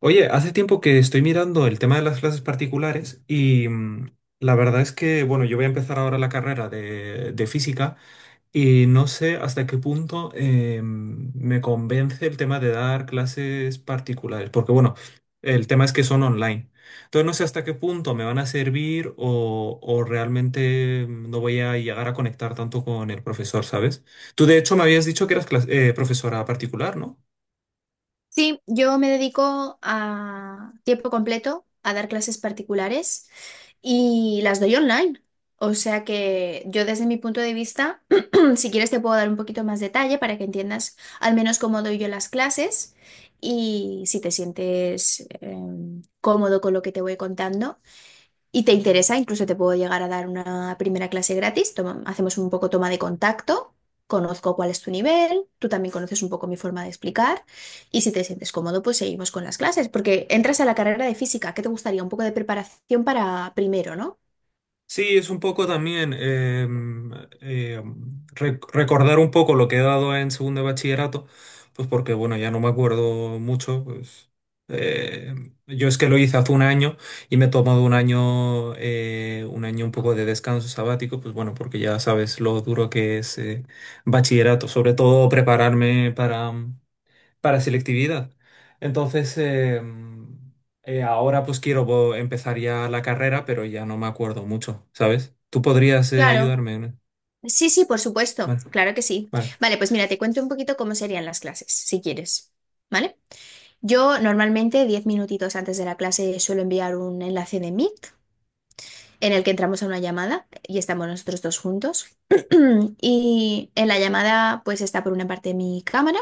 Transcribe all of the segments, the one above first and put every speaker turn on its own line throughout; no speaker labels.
Oye, hace tiempo que estoy mirando el tema de las clases particulares y la verdad es que, bueno, yo voy a empezar ahora la carrera de física y no sé hasta qué punto me convence el tema de dar clases particulares, porque, bueno, el tema es que son online. Entonces no sé hasta qué punto me van a servir o realmente no voy a llegar a conectar tanto con el profesor, ¿sabes? Tú, de hecho, me habías dicho que eras profesora particular, ¿no?
Sí, yo me dedico a tiempo completo a dar clases particulares y las doy online. O sea que yo desde mi punto de vista, si quieres te puedo dar un poquito más detalle para que entiendas al menos cómo doy yo las clases y si te sientes cómodo con lo que te voy contando y te interesa, incluso te puedo llegar a dar una primera clase gratis. Hacemos un poco toma de contacto, conozco cuál es tu nivel, tú también conoces un poco mi forma de explicar y si te sientes cómodo, pues seguimos con las clases, porque entras a la carrera de física, ¿qué te gustaría? Un poco de preparación para primero, ¿no?
Sí, es un poco también recordar un poco lo que he dado en segundo de bachillerato, pues porque bueno, ya no me acuerdo mucho, pues eh, yo es que lo hice hace un año y me he tomado un año, un año un poco de descanso sabático, pues bueno, porque ya sabes lo duro que es bachillerato, sobre todo prepararme para selectividad. Entonces, eh, Ahora pues quiero empezar ya la carrera, pero ya no me acuerdo mucho, ¿sabes? ¿Tú podrías
Claro.
ayudarme? ¿No?
Sí, sí, por supuesto,
Vale,
claro que sí.
vale.
Vale, pues mira, te cuento un poquito cómo serían las clases, si quieres, ¿vale? Yo normalmente 10 minutitos antes de la clase suelo enviar un enlace de Meet en el que entramos a una llamada y estamos nosotros dos juntos. Y en la llamada pues está por una parte mi cámara,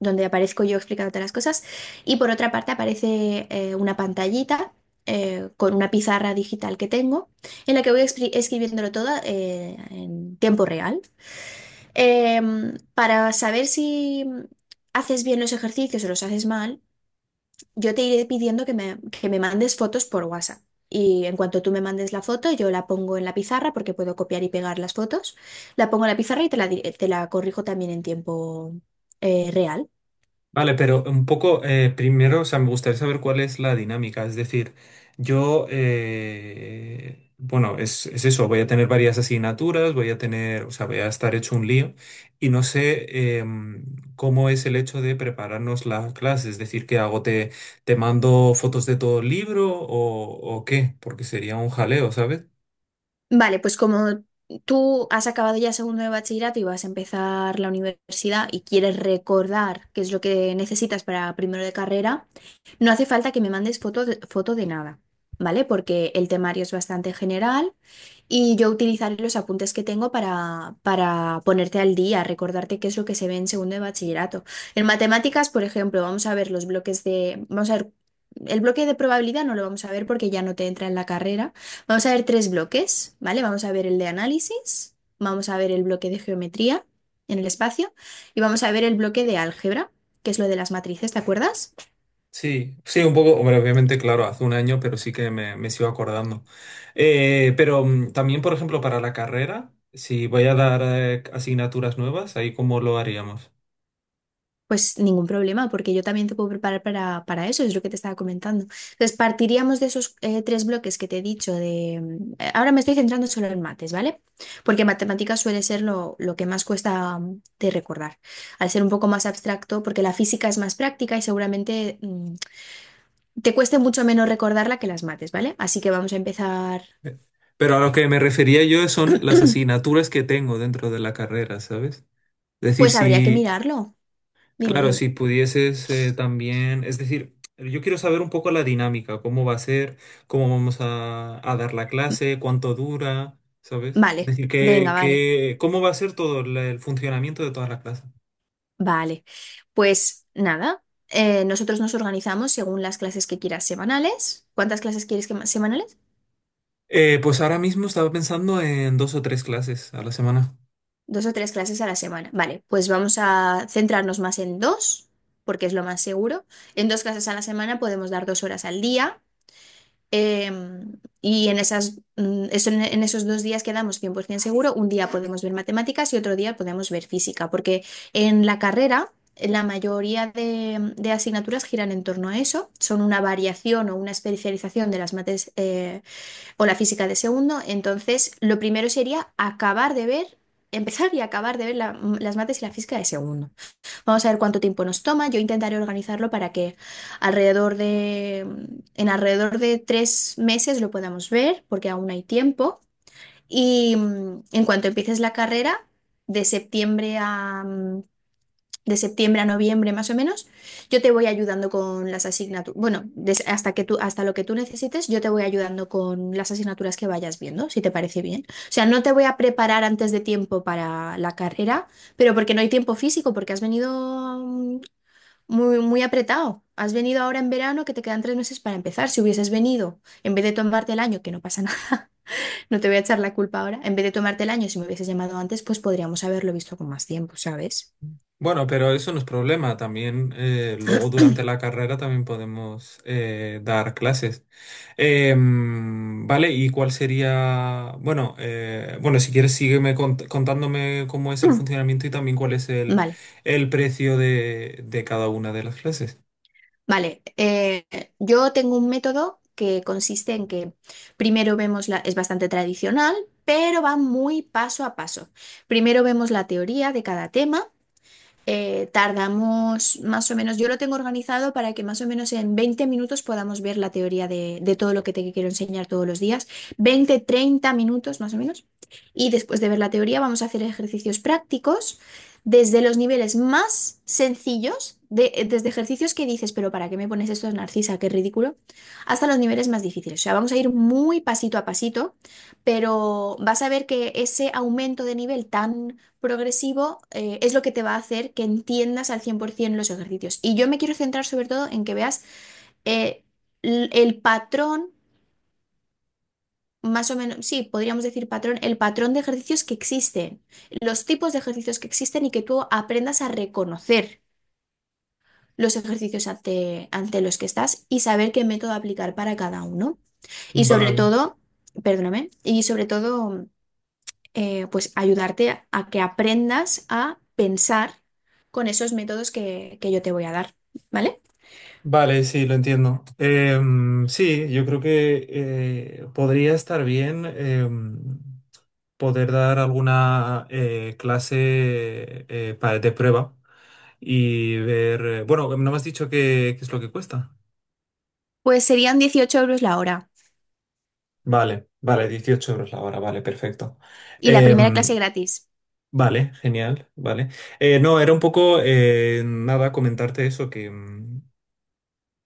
donde aparezco yo explicándote las cosas, y por otra parte aparece una pantallita con una pizarra digital que tengo, en la que voy escribiéndolo todo en tiempo real. Para saber si haces bien los ejercicios o los haces mal, yo te iré pidiendo que me mandes fotos por WhatsApp. Y en cuanto tú me mandes la foto, yo la pongo en la pizarra porque puedo copiar y pegar las fotos. La pongo en la pizarra y te la corrijo también en tiempo real.
Vale, pero un poco primero, o sea, me gustaría saber cuál es la dinámica. Es decir, yo, bueno, es eso, voy a tener varias asignaturas, voy a tener, o sea, voy a estar hecho un lío y no sé cómo es el hecho de prepararnos la clase. Es decir, ¿qué hago? Te mando fotos de todo el libro o qué? Porque sería un jaleo, ¿sabes?
Vale, pues como tú has acabado ya segundo de bachillerato y vas a empezar la universidad y quieres recordar qué es lo que necesitas para primero de carrera, no hace falta que me mandes foto de nada, ¿vale? Porque el temario es bastante general. Y yo utilizaré los apuntes que tengo para ponerte al día, recordarte qué es lo que se ve en segundo de bachillerato. En matemáticas, por ejemplo, vamos a ver los bloques de... Vamos a ver, el bloque de probabilidad no lo vamos a ver porque ya no te entra en la carrera. Vamos a ver tres bloques, ¿vale? Vamos a ver el de análisis, vamos a ver el bloque de geometría en el espacio y vamos a ver el bloque de álgebra, que es lo de las matrices, ¿te acuerdas?
Sí, sí, un poco, hombre, obviamente, claro, hace un año, pero sí que me sigo acordando. Pero también, por ejemplo, para la carrera, si voy a dar asignaturas nuevas, ahí cómo lo haríamos.
Pues ningún problema, porque yo también te puedo preparar para eso, es lo que te estaba comentando. Entonces, partiríamos de esos tres bloques que te he dicho de... ahora me estoy centrando solo en mates, ¿vale? Porque matemáticas suele ser lo que más cuesta de recordar, al ser un poco más abstracto, porque la física es más práctica y seguramente te cueste mucho menos recordarla que las mates, ¿vale? Así que vamos a empezar...
Eh, Pero a lo que me refería yo son las asignaturas que tengo dentro de la carrera, ¿sabes? Es decir,
Pues habría que
si,
mirarlo. Dime,
claro, si
dime.
pudieses también, es decir, yo quiero saber un poco la dinámica, cómo va a ser, cómo vamos a dar la clase, cuánto dura, ¿sabes? Es
Vale,
decir,
venga, vale.
cómo va a ser todo el funcionamiento de todas las clases.
Vale, pues nada, nosotros nos organizamos según las clases que quieras semanales. ¿Cuántas clases quieres que semanales?
Pues ahora mismo estaba pensando en dos o tres clases a la semana.
Dos o tres clases a la semana. Vale, pues vamos a centrarnos más en dos, porque es lo más seguro. En dos clases a la semana podemos dar dos horas al día. Em, y en en esos dos días quedamos 100% seguro. Un día podemos ver matemáticas y otro día podemos ver física, porque en la carrera la mayoría de asignaturas giran en torno a eso. Son una variación o una especialización de las mates o la física de segundo. Entonces, lo primero sería acabar de ver, empezar y acabar de ver las mates y la física de segundo. Vamos a ver cuánto tiempo nos toma. Yo intentaré organizarlo para que alrededor de, en alrededor de tres meses lo podamos ver, porque aún hay tiempo. Y en cuanto empieces la carrera, de septiembre a, mm, de septiembre a noviembre más o menos, yo te voy ayudando con las asignaturas. Bueno, hasta que tú, hasta lo que tú necesites, yo te voy ayudando con las asignaturas que vayas viendo, si te parece bien. O sea, no te voy a preparar antes de tiempo para la carrera. Pero porque no hay tiempo físico, porque has venido muy, muy apretado. Has venido ahora en verano que te quedan tres meses para empezar. Si hubieses venido, en vez de tomarte el año, que no pasa nada, no te voy a echar la culpa ahora, en vez de tomarte el año, si me hubieses llamado antes, pues podríamos haberlo visto con más tiempo, ¿sabes?
Bueno, pero eso no es problema. También luego durante la carrera también podemos dar clases. Vale, ¿y cuál sería? Bueno, bueno, si quieres sígueme contándome cómo es el funcionamiento y también cuál es
Mm. Vale,
el precio de cada una de las clases.
vale. Yo tengo un método que consiste en que primero vemos la, es bastante tradicional, pero va muy paso a paso. Primero vemos la teoría de cada tema. Tardamos más o menos, yo lo tengo organizado para que más o menos en 20 minutos podamos ver la teoría de todo lo que te quiero enseñar todos los días. 20, 30 minutos más o menos. Y después de ver la teoría vamos a hacer ejercicios prácticos desde los niveles más sencillos, desde ejercicios que dices, pero ¿para qué me pones esto, Narcisa? Qué ridículo, hasta los niveles más difíciles. O sea, vamos a ir muy pasito a pasito, pero vas a ver que ese aumento de nivel tan progresivo es lo que te va a hacer que entiendas al 100% los ejercicios. Y yo me quiero centrar sobre todo en que veas eh, el patrón, más o menos, sí, podríamos decir patrón, el patrón de ejercicios que existen, los tipos de ejercicios que existen y que tú aprendas a reconocer los ejercicios ante los que estás y saber qué método aplicar para cada uno. Y sobre
Vale.
todo, perdóname, y sobre todo pues ayudarte a que aprendas a pensar con esos métodos que yo te voy a dar, ¿vale?
Vale, sí, lo entiendo. Sí, yo creo que podría estar bien poder dar alguna clase de prueba y ver... bueno, no me has dicho qué es lo que cuesta.
Pues serían 18 euros la hora
Vale, vale, 18 € la hora, vale, perfecto.
y la primera clase
Em,
gratis.
vale, genial, vale. No, era un poco, nada, comentarte eso, que, mm,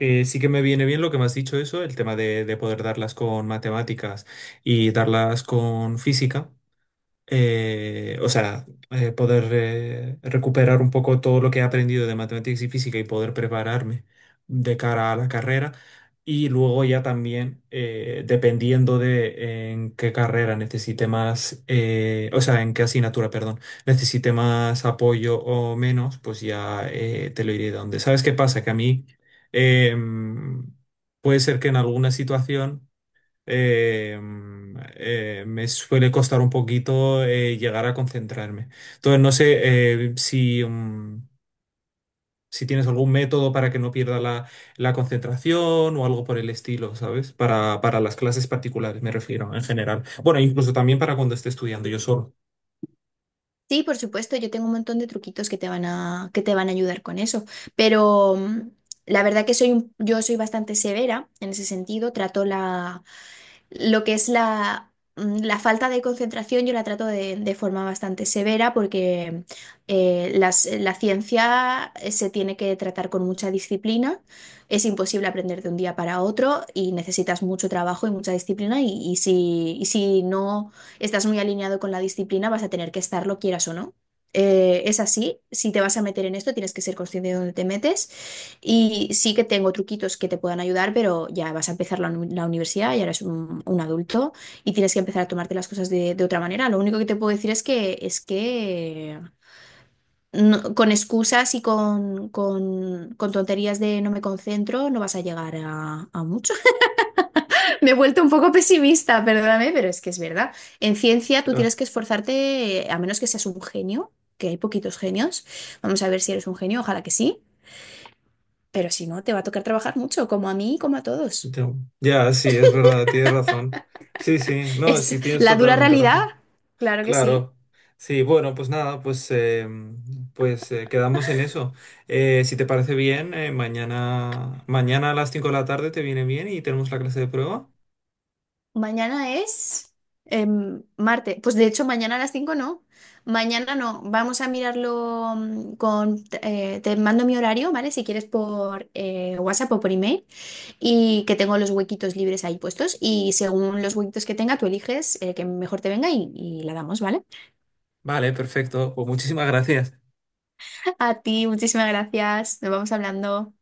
Eh, sí que me viene bien lo que me has dicho eso, el tema de poder darlas con matemáticas y darlas con física, o sea, poder recuperar un poco todo lo que he aprendido de matemáticas y física y poder prepararme de cara a la carrera. Y luego ya también, dependiendo de en qué carrera necesite más, o sea, en qué asignatura, perdón, necesite más apoyo o menos, pues ya te lo iré dando. ¿Sabes qué pasa? Que a mí em, puede ser que en alguna situación eh, me suele costar un poquito llegar a concentrarme. Entonces, no sé eh, si, mm, si tienes algún método para que no pierda la concentración o algo por el estilo, ¿sabes? Para las clases particulares, me refiero, en general. Bueno, incluso también para cuando esté estudiando yo solo.
Sí, por supuesto, yo tengo un montón de truquitos que te van que te van a ayudar con eso, pero la verdad que soy yo soy bastante severa en ese sentido, trato lo que es la falta de concentración yo la trato de forma bastante severa porque la ciencia se tiene que tratar con mucha disciplina. Es imposible aprender de un día para otro y necesitas mucho trabajo y mucha disciplina y si no estás muy alineado con la disciplina vas a tener que estarlo, quieras o no. Es así, si te vas a meter en esto tienes que ser consciente de dónde te metes. Y sí que tengo truquitos que te puedan ayudar, pero ya vas a empezar la universidad, ya eres un adulto y tienes que empezar a tomarte las cosas de otra manera. Lo único que te puedo decir es es que con excusas y con tonterías de no me concentro no vas a llegar a mucho. Me he vuelto un poco pesimista, perdóname, pero es que es verdad. En ciencia tú
Ah,
tienes que esforzarte, a menos que seas un genio, que hay poquitos genios. Vamos a ver si eres un genio, ojalá que sí. Pero si no, te va a tocar trabajar mucho, como a mí y como a todos.
ya, ya, sí, es verdad, tienes razón. Sí, sí, no,
Es
sí, tienes
la dura
totalmente
realidad.
razón.
Claro que sí.
Claro. Sí, bueno, pues nada, quedamos en eso. Si te parece bien, mañana a las 5 de la tarde te viene bien y tenemos la clase de prueba.
Mañana es Marte. Pues de hecho, mañana a las 5 no. Mañana no. Vamos a mirarlo con... te mando mi horario, ¿vale? Si quieres por WhatsApp o por email. Y que tengo los huequitos libres ahí puestos. Y según los huequitos que tenga, tú eliges el que mejor te venga y la damos, ¿vale?
Vale, perfecto. Pues muchísimas gracias.
A ti, muchísimas gracias. Nos vamos hablando.